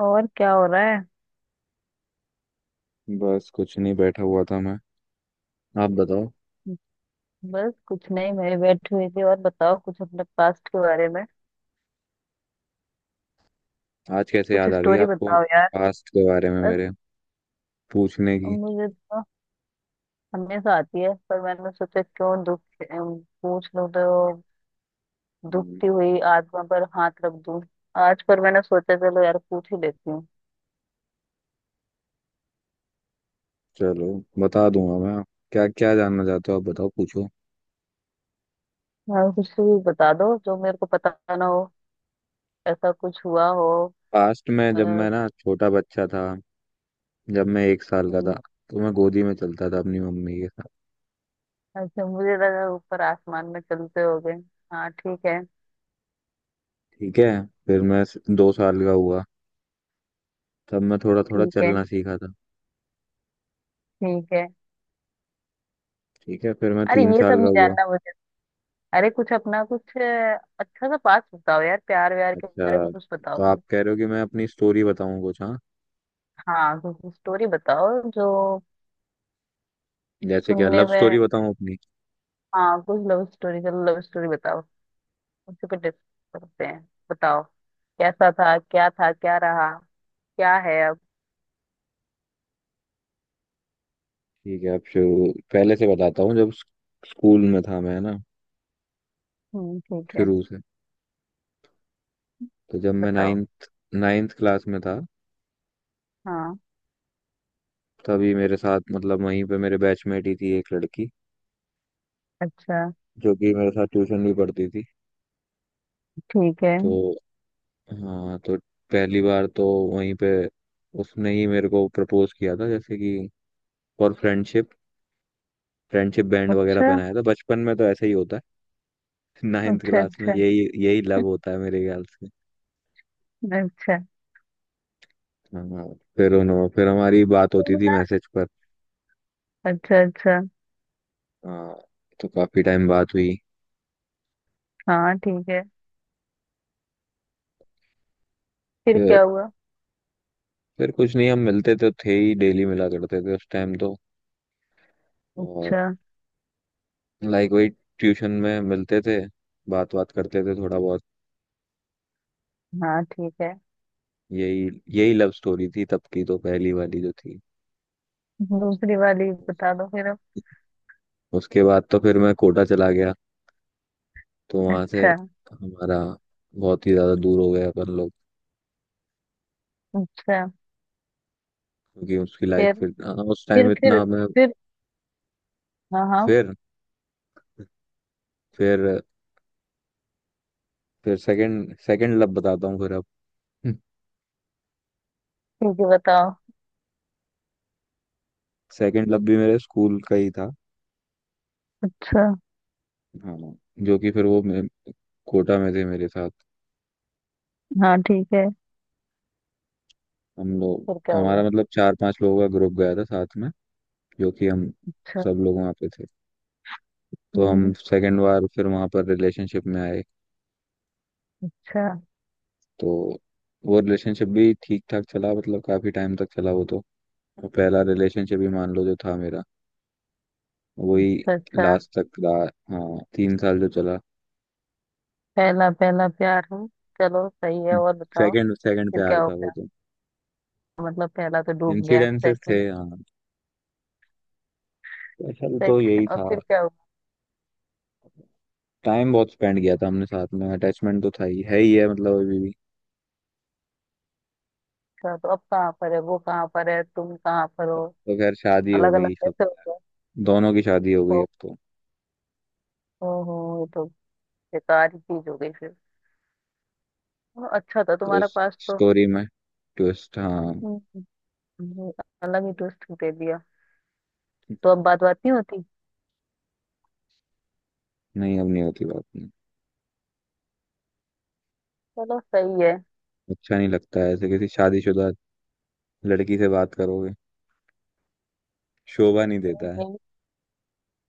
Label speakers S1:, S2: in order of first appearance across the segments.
S1: और क्या हो रहा है।
S2: बस कुछ नहीं। बैठा हुआ था मैं। आप बताओ।
S1: बस कुछ नहीं मैं बैठी हुई थी और बताओ कुछ अपने पास्ट के बारे में।
S2: आज कैसे
S1: कुछ
S2: याद आ गई
S1: स्टोरी
S2: आपको
S1: बताओ यार।
S2: पास्ट के बारे में
S1: बस
S2: मेरे पूछने की।
S1: मुझे तो हमेशा आती है पर मैंने सोचा क्यों दुख पूछ लूं तो
S2: हम्म।
S1: दुखती हुई आत्मा पर हाथ रख दूं आज। पर मैंने सोचा चलो यार पूछ ही लेती हूँ।
S2: चलो, बता दूंगा मैं। क्या क्या जानना चाहते हो आप, बताओ, पूछो।
S1: यार कुछ भी बता दो जो मेरे को पता ना हो ऐसा कुछ हुआ हो।
S2: पास्ट में जब
S1: अ,
S2: मैं ना छोटा बच्चा था, जब मैं 1 साल का था,
S1: हम्म,
S2: तो मैं गोदी में चलता था अपनी मम्मी के साथ।
S1: अच्छा मुझे लगा ऊपर आसमान में चलते हो गए। हाँ ठीक है।
S2: ठीक है। फिर मैं 2 साल का हुआ, तब मैं थोड़ा थोड़ा
S1: ठीक है।
S2: चलना सीखा था।
S1: ठीक है।
S2: ठीक है। फिर मैं
S1: अरे
S2: तीन
S1: ये सब
S2: साल का
S1: नहीं
S2: हुआ।
S1: जानना मुझे। अरे कुछ अपना कुछ अच्छा सा पास बताओ यार प्यार व्यार के
S2: अच्छा।
S1: बारे में कुछ बताओ।
S2: तो आप कह रहे हो कि मैं अपनी स्टोरी बताऊं कुछ, हाँ?
S1: हाँ कुछ स्टोरी बताओ जो
S2: जैसे क्या
S1: सुनने
S2: लव स्टोरी
S1: में।
S2: बताऊं अपनी?
S1: हाँ कुछ लव स्टोरी चलो लव स्टोरी बताओ। उसी पे डिस्कस करते हैं। बताओ। कैसा था क्या रहा क्या है अब।
S2: ठीक है, अब शुरू पहले से बताता हूँ। जब स्कूल में था मैं ना,
S1: ठीक है।
S2: शुरू से। तो जब मैं
S1: बताओ।
S2: नाइन्थ नाइन्थ क्लास में था,
S1: हाँ।
S2: तभी मेरे साथ, मतलब वहीं पे मेरे बैचमेट ही थी एक लड़की,
S1: अच्छा।
S2: जो कि मेरे साथ ट्यूशन भी पढ़ती थी।
S1: ठीक है।
S2: तो, हाँ, तो पहली बार तो वहीं पे उसने ही मेरे को प्रपोज किया था, जैसे कि फॉर फ्रेंडशिप। फ्रेंडशिप बैंड वगैरह
S1: अच्छा
S2: पहनाया था, बचपन में तो ऐसे ही होता है। 9th
S1: अच्छा।
S2: क्लास में
S1: अच्छा।
S2: यही यही लव होता है मेरे ख्याल से।
S1: अच्छा
S2: हाँ, फिर उन्होंने, फिर हमारी बात होती थी मैसेज पर।
S1: अच्छा अच्छा।
S2: हाँ, तो काफी टाइम बात हुई।
S1: हाँ ठीक है। फिर क्या
S2: फिर
S1: हुआ।
S2: फिर कुछ नहीं, हम मिलते तो थे ही, डेली मिला करते थे उस टाइम तो। और,
S1: अच्छा।
S2: लाइक, वही, ट्यूशन में मिलते थे, बात बात करते थे थोड़ा बहुत।
S1: हाँ ठीक है।
S2: यही यही लव स्टोरी थी तब की, तो पहली वाली जो थी।
S1: दूसरी वाली बता दो फिर अब।
S2: उसके बाद तो फिर मैं कोटा चला गया। तो वहां से
S1: अच्छा
S2: हमारा बहुत ही ज्यादा दूर हो गया अपन लोग।
S1: अच्छा।
S2: क्योंकि उसकी लाइफ
S1: फिर
S2: फिर, हाँ, उस
S1: फिर
S2: टाइम
S1: फिर।
S2: इतना मैं।
S1: फिर। हाँ हाँ।
S2: फिर फिर फिर सेकंड सेकंड लव बताता हूँ फिर अब।
S1: ठीक है बताओ।
S2: सेकंड लव भी मेरे स्कूल का ही था।
S1: अच्छा।
S2: हाँ, जो कि फिर वो कोटा में थे मेरे साथ,
S1: हाँ ठीक है।
S2: हम
S1: फिर
S2: लोग।
S1: क्या
S2: हमारा,
S1: हुआ।
S2: मतलब, चार पांच लोगों का ग्रुप गया था साथ में, जो कि हम
S1: अच्छा।
S2: सब लोग वहाँ पे थे। तो हम
S1: हम्म,
S2: सेकंड बार फिर वहाँ पर रिलेशनशिप में आए।
S1: अच्छा
S2: तो वो रिलेशनशिप भी ठीक ठाक चला, मतलब काफी टाइम तक चला वो तो। और पहला रिलेशनशिप ही मान लो जो था मेरा, वही
S1: अच्छा। अच्छा।
S2: लास्ट तक रहा। हाँ, 3 साल जो चला।
S1: पहला पहला प्यार हूँ। चलो सही है और बताओ।
S2: सेकंड सेकंड
S1: फिर
S2: प्यार
S1: क्या हो
S2: था वो
S1: गया
S2: तो।
S1: मतलब पहला तो डूब गया।
S2: इंसिडेंसेस थे,
S1: सेकंड।
S2: हाँ। असल तो
S1: सेकंड
S2: यही
S1: और
S2: था।
S1: फिर क्या हुआ।
S2: टाइम बहुत स्पेंड किया था हमने साथ में, अटैचमेंट तो था ही, है ही है, मतलब अभी भी।
S1: अच्छा तो अब कहाँ पर है वो कहाँ पर है तुम कहाँ पर
S2: अब
S1: हो।
S2: तो खैर शादी हो
S1: अलग अलग
S2: गई सब।
S1: कैसे हो गए।
S2: दोनों की शादी हो
S1: ओ।
S2: गई अब तो।
S1: ओ हो ये तो बेकार ही चीज हो गई फिर। ओ, अच्छा था
S2: तो
S1: तुम्हारा
S2: उस
S1: पास तो।
S2: स्टोरी में ट्विस्ट, हाँ।
S1: हम्म, ये अलग ही ट्विस्ट दे दिया। तो अब बात बात नहीं होती।
S2: नहीं, अब नहीं होती बात, नहीं।
S1: चलो सही है।
S2: अच्छा नहीं लगता है ऐसे किसी शादीशुदा लड़की से बात करोगे, शोभा नहीं देता है।
S1: ये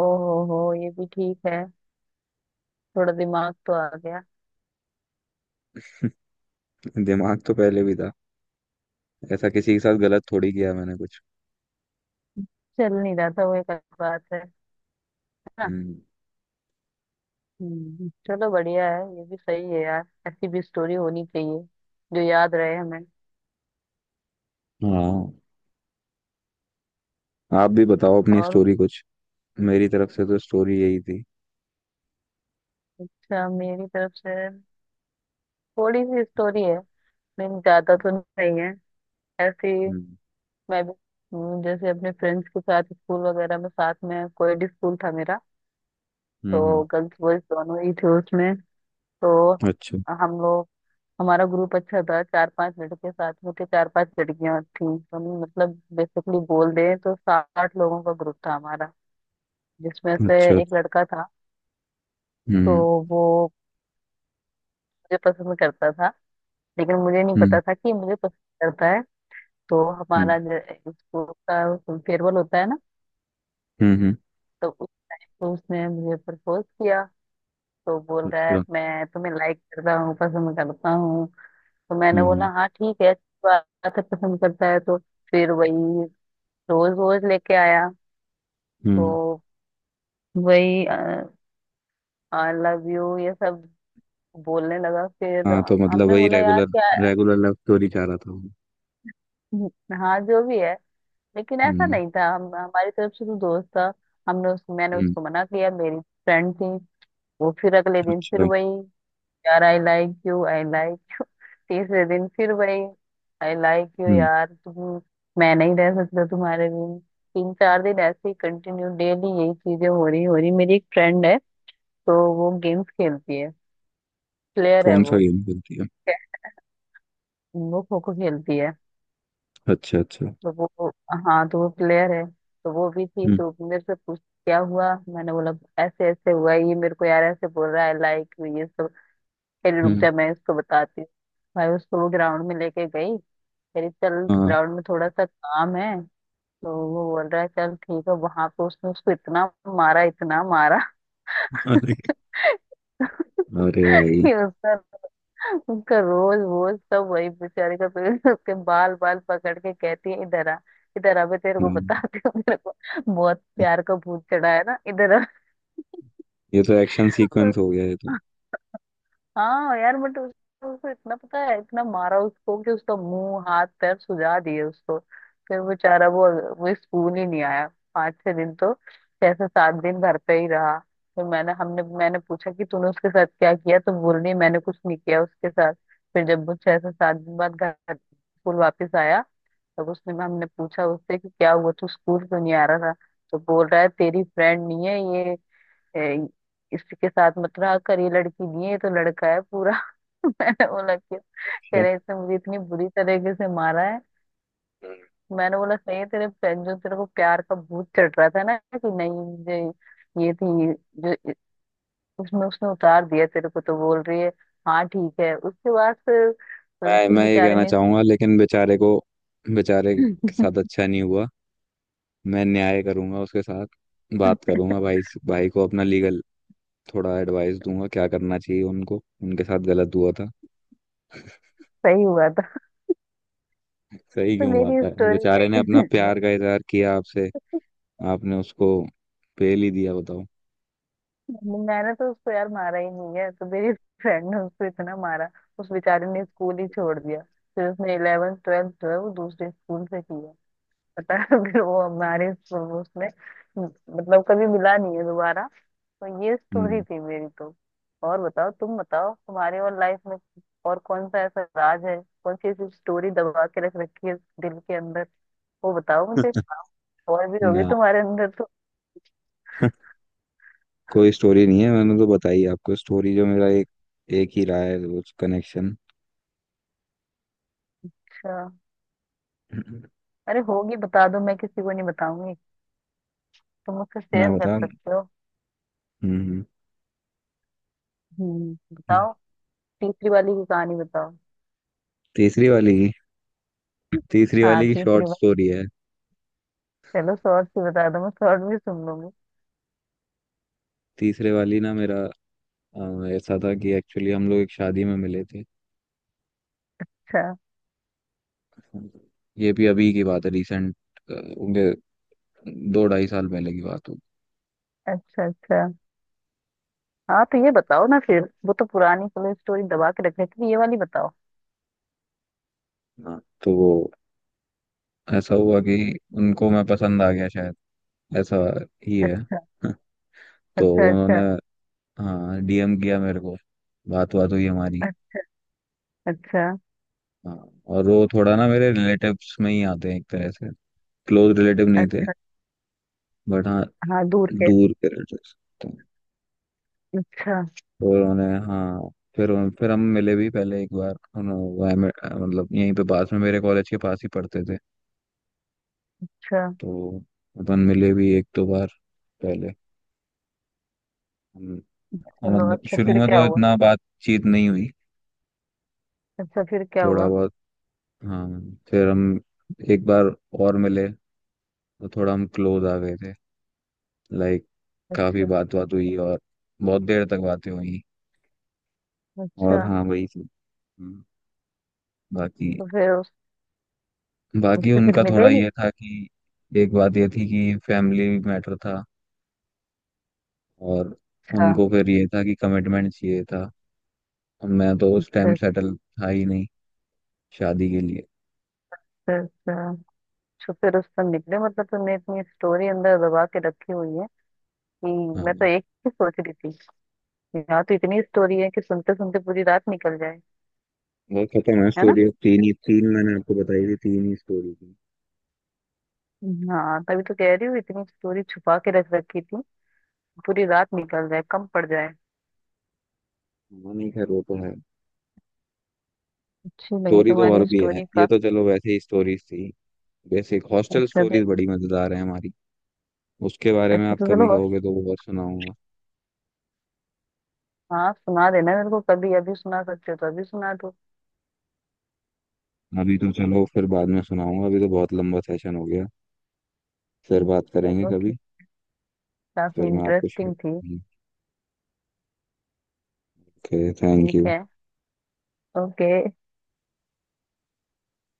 S1: ओ हो ये भी ठीक है। थोड़ा दिमाग तो आ गया।
S2: दिमाग तो पहले भी था। ऐसा किसी के साथ गलत थोड़ी किया मैंने कुछ।
S1: चल नहीं रहा था वो एक अलग बात है ना।
S2: हम्म।
S1: चलो बढ़िया है ये भी सही है यार। ऐसी भी स्टोरी होनी चाहिए जो याद रहे हमें।
S2: हाँ, आप भी बताओ अपनी
S1: और।
S2: स्टोरी कुछ। मेरी तरफ से तो स्टोरी यही थी।
S1: अच्छा मेरी तरफ से थोड़ी सी स्टोरी है। लेकिन ज्यादा तो नहीं है ऐसी।
S2: हम्म।
S1: मैं भी। जैसे अपने फ्रेंड्स के साथ स्कूल वगैरह में साथ में कोएड स्कूल था मेरा।
S2: हम्म।
S1: तो
S2: हम्म।
S1: गर्ल्स बॉयज दोनों ही थे उसमें। तो
S2: अच्छा,
S1: हम लोग हमारा ग्रुप अच्छा था। चार पांच लड़के साथ में थे चार पांच लड़कियां थी। तो हम मतलब बेसिकली बोल दें तो साठ लोगों का ग्रुप था हमारा। जिसमें से
S2: अच्छा।
S1: एक लड़का था। तो
S2: हम्म।
S1: वो मुझे पसंद करता था। लेकिन मुझे नहीं
S2: हम्म।
S1: पता था कि मुझे पसंद करता है। तो
S2: हम्म।
S1: हमारा जो स्कूल का फेयरवेल होता है ना
S2: हम्म। हम्म।
S1: तो उसने मुझे प्रपोज किया। तो बोल रहा है
S2: अच्छा।
S1: मैं तुम्हें लाइक करता हूँ पसंद करता हूँ। तो मैंने बोला
S2: हम्म।
S1: हाँ ठीक है अच्छी बात है पसंद करता है तो। फिर वही रोज रोज लेके आया।
S2: हम्म। हम्म।
S1: तो वही आई लव यू ये सब बोलने लगा। फिर
S2: हाँ, तो मतलब
S1: हमने
S2: वही,
S1: बोला यार
S2: रेगुलर
S1: क्या।
S2: रेगुलर लव स्टोरी चाह रहा था वो।
S1: हाँ जो भी है लेकिन ऐसा
S2: हम्म।
S1: नहीं था। हम हमारी तरफ से तो दोस्त था। हमने उस मैंने
S2: हम्म।
S1: उसको मना किया मेरी फ्रेंड थी। वो फिर अगले दिन फिर
S2: अच्छा।
S1: वही यार I like you I like. तीसरे दिन फिर वही आई लाइक यू
S2: हम्म।
S1: यार तुम मैं नहीं रह सकता तुम्हारे बिन। तीन चार दिन ऐसे ही कंटिन्यू डेली यही चीजें हो रही हो रही। मेरी एक फ्रेंड है तो वो गेम्स खेलती है प्लेयर है
S2: कौन सा
S1: वो।
S2: गेम खेलती है?
S1: वो खो खो खेलती है।
S2: अच्छा, अच्छा।
S1: तो वो हाँ तो वो प्लेयर है। तो वो भी थी
S2: हम्म।
S1: तो मेरे से पूछ क्या हुआ। मैंने बोला ऐसे ऐसे हुआ ये मेरे को यार ऐसे बोल रहा है लाइक ये सब। कह रही, रुक
S2: हम्म।
S1: जा मैं इसको बताती हूँ भाई। उसको वो ग्राउंड में लेके गई। कह रही चल
S2: हाँ।
S1: ग्राउंड में थोड़ा सा काम है। तो वो बोल रहा है चल ठीक है। वहां पे उसने उसको इतना मारा
S2: अरे! अरे, भाई!
S1: कि उसका उसका रोज वोज सब वही बेचारे का पेट। उसके बाल बाल पकड़ के कहती है इधर आ इधर आ। मैं तेरे को
S2: हाँ,
S1: बताती हूँ तेरे को बहुत प्यार का भूत चढ़ा है ना। इधर
S2: ये तो एक्शन सीक्वेंस हो गया ये तो।
S1: आ हाँ यार बट उसको उसको इतना पता है इतना मारा उसको कि उसका मुंह हाथ पैर सुजा दिए उसको। फिर बेचारा वो स्कूल ही नहीं आया पाँच छह दिन तो। छह से सात दिन घर पे ही रहा। फिर मैंने हमने मैंने पूछा कि तूने उसके साथ क्या किया। तो बोल रही है, मैंने कुछ नहीं किया उसके साथ। फिर जब वो छह से सात दिन बाद घर स्कूल वापस आया तब उसने हमने पूछा उससे कि क्या हुआ तू स्कूल क्यों नहीं आ रहा था। तो बोल रहा है तेरी फ्रेंड नहीं है ये। ए, इसके साथ मत रहा कर ये लड़की नहीं है ये तो लड़का है पूरा। मैंने बोला कि कह
S2: अच्छा।
S1: रहे इसने मुझे इतनी बुरी तरीके से मारा है।
S2: हम्म।
S1: मैंने बोला सही है जो तेरे को प्यार का भूत चढ़ रहा था ना कि नहीं मुझे ये थी जो उसमें उसने उतार दिया तेरे को। तो बोल रही है हाँ ठीक है। उसके बाद
S2: मैं
S1: फिर
S2: मैं ये
S1: बेचारे
S2: कहना
S1: ने
S2: चाहूंगा, लेकिन बेचारे को, बेचारे के साथ अच्छा नहीं हुआ। मैं न्याय करूंगा उसके साथ। बात करूंगा भाई को, अपना लीगल थोड़ा एडवाइस दूंगा, क्या करना चाहिए उनको, उनके साथ गलत हुआ था।
S1: सही हुआ था।
S2: सही
S1: तो
S2: क्यों हुआ
S1: मेरी
S2: था? और
S1: स्टोरी
S2: बेचारे ने अपना
S1: है
S2: प्यार का इजहार किया आपसे, आपने उसको पेल ही दिया, बताओ।
S1: मैंने तो उसको यार मारा ही नहीं है। तो मेरी फ्रेंड ने उसको इतना मारा उस बेचारे ने स्कूल ही छोड़ दिया। फिर उसने इलेवेंथ ट्वेल्थ जो है वो दूसरे स्कूल से किया पता है फिर वो हमारे स्कूल में उसने मतलब कभी मिला नहीं है दोबारा। तो ये स्टोरी
S2: हम्म।
S1: थी मेरी तो। और बताओ तुम बताओ तुम्हारे और लाइफ में और कौन सा ऐसा राज है। कौन सी ऐसी स्टोरी दबा के रख रखी है दिल के अंदर वो बताओ मुझे। और भी होगी
S2: ना,
S1: तुम्हारे अंदर तो।
S2: कोई स्टोरी नहीं है, मैंने तो बताई आपको स्टोरी, जो मेरा एक एक ही रहा है उस कनेक्शन।
S1: अच्छा। अरे होगी बता दो मैं किसी को नहीं बताऊंगी। तुम मुझसे
S2: मैं
S1: शेयर कर
S2: बता, हम्म।
S1: सकते हो।
S2: हम्म। हम्म।
S1: बताओ। तीसरी वाली की कहानी बताओ।
S2: तीसरी वाली की, तीसरी
S1: हाँ
S2: वाली की
S1: तीसरी
S2: शॉर्ट
S1: वाली।
S2: स्टोरी है।
S1: चलो शॉर्ट भी बता दो मैं शॉर्ट भी सुन लूंगी।
S2: तीसरे वाली ना मेरा, ऐसा था कि एक्चुअली हम लोग एक शादी में मिले थे।
S1: अच्छा
S2: ये भी अभी की बात है, रिसेंट, 2-2.5 साल पहले की बात होगी।
S1: अच्छा। अच्छा। हाँ तो ये बताओ ना फिर वो तो पुरानी पुलिस स्टोरी दबा के रख रही थी ये वाली बताओ।
S2: हाँ, तो वो, ऐसा हुआ कि उनको मैं पसंद आ गया शायद, ऐसा ही है। तो
S1: अच्छा
S2: उन्होंने,
S1: अच्छा।
S2: हाँ, डीएम किया मेरे को। बात बात हुई हमारी,
S1: अच्छा अच्छा
S2: हाँ। और वो थोड़ा ना मेरे रिलेटिव्स में ही आते हैं, एक तरह से। क्लोज रिलेटिव नहीं थे,
S1: अच्छा।
S2: बट हाँ,
S1: हाँ दूर के।
S2: दूर के रिलेटिव्स। तो
S1: अच्छा।
S2: तो उन्होंने, हाँ, फिर फिर हम मिले भी पहले एक बार। मतलब यहीं पे पास में, मेरे कॉलेज के पास ही पढ़ते थे।
S1: अच्छा।
S2: तो अपन मिले भी एक दो बार पहले। हम्म। हाँ,
S1: चलो
S2: मतलब
S1: अच्छा
S2: शुरू
S1: फिर
S2: में
S1: क्या
S2: तो
S1: हुआ।
S2: इतना बातचीत नहीं हुई,
S1: अच्छा फिर क्या
S2: थोड़ा
S1: हुआ।
S2: बहुत। हाँ, फिर हम एक बार और मिले, तो थोड़ा हम क्लोज आ गए थे, लाइक। काफी
S1: अच्छा।
S2: बात बात हुई और बहुत देर तक बातें हुई।
S1: अच्छा
S2: और हाँ, वही थी। हम्म। बाकी,
S1: तो फिर उस
S2: बाकी
S1: उससे फिर
S2: उनका थोड़ा
S1: मिले नहीं।
S2: ये था कि, एक बात ये थी कि फैमिली मैटर था। और
S1: अच्छा।
S2: उनको फिर ये था कि कमिटमेंट चाहिए था। और मैं तो उस टाइम
S1: अच्छा।
S2: सेटल था ही नहीं शादी के लिए।
S1: अच्छा अच्छा। छुपे रुस्तम निकले मतलब तुमने इतनी स्टोरी अंदर दबा के रखी हुई है कि।
S2: हाँ।
S1: मैं तो एक ही सोच रही थी यहाँ तो इतनी स्टोरी है कि सुनते सुनते पूरी रात निकल जाए।
S2: बहुत खतरनाक
S1: है ना।
S2: स्टोरी है। तीन ही तीन मैंने आपको बताई थी, तीन ही स्टोरी थी।
S1: हाँ तभी तो कह रही हूँ इतनी स्टोरी छुपा के रख रखी थी। पूरी रात निकल जाए कम पड़ जाए।
S2: हाँ, नहीं, खैर वो तो है।
S1: अच्छी लगी
S2: स्टोरी तो
S1: तुम्हारी
S2: और भी है,
S1: स्टोरी
S2: ये
S1: काफी।
S2: तो चलो वैसे ही स्टोरीज थी। बेसिक हॉस्टल
S1: अच्छा तो।
S2: स्टोरीज बड़ी मजेदार है हमारी। उसके बारे में
S1: अच्छा
S2: आप
S1: तो चलो
S2: कभी
S1: बस।
S2: कहोगे तो वो बहुत सुनाऊंगा।
S1: हाँ सुना देना मेरे को कभी। अभी सुना सकते हो तो अभी सुना दो।
S2: अभी तो चलो फिर बाद में सुनाऊंगा, अभी तो बहुत लंबा सेशन हो गया। फिर बात करेंगे
S1: चलो
S2: कभी।
S1: ठीक। काफी
S2: फिर मैं आपको
S1: इंटरेस्टिंग थी।
S2: शेयर। ओके, थैंक
S1: ठीक
S2: यू।
S1: है। ओके।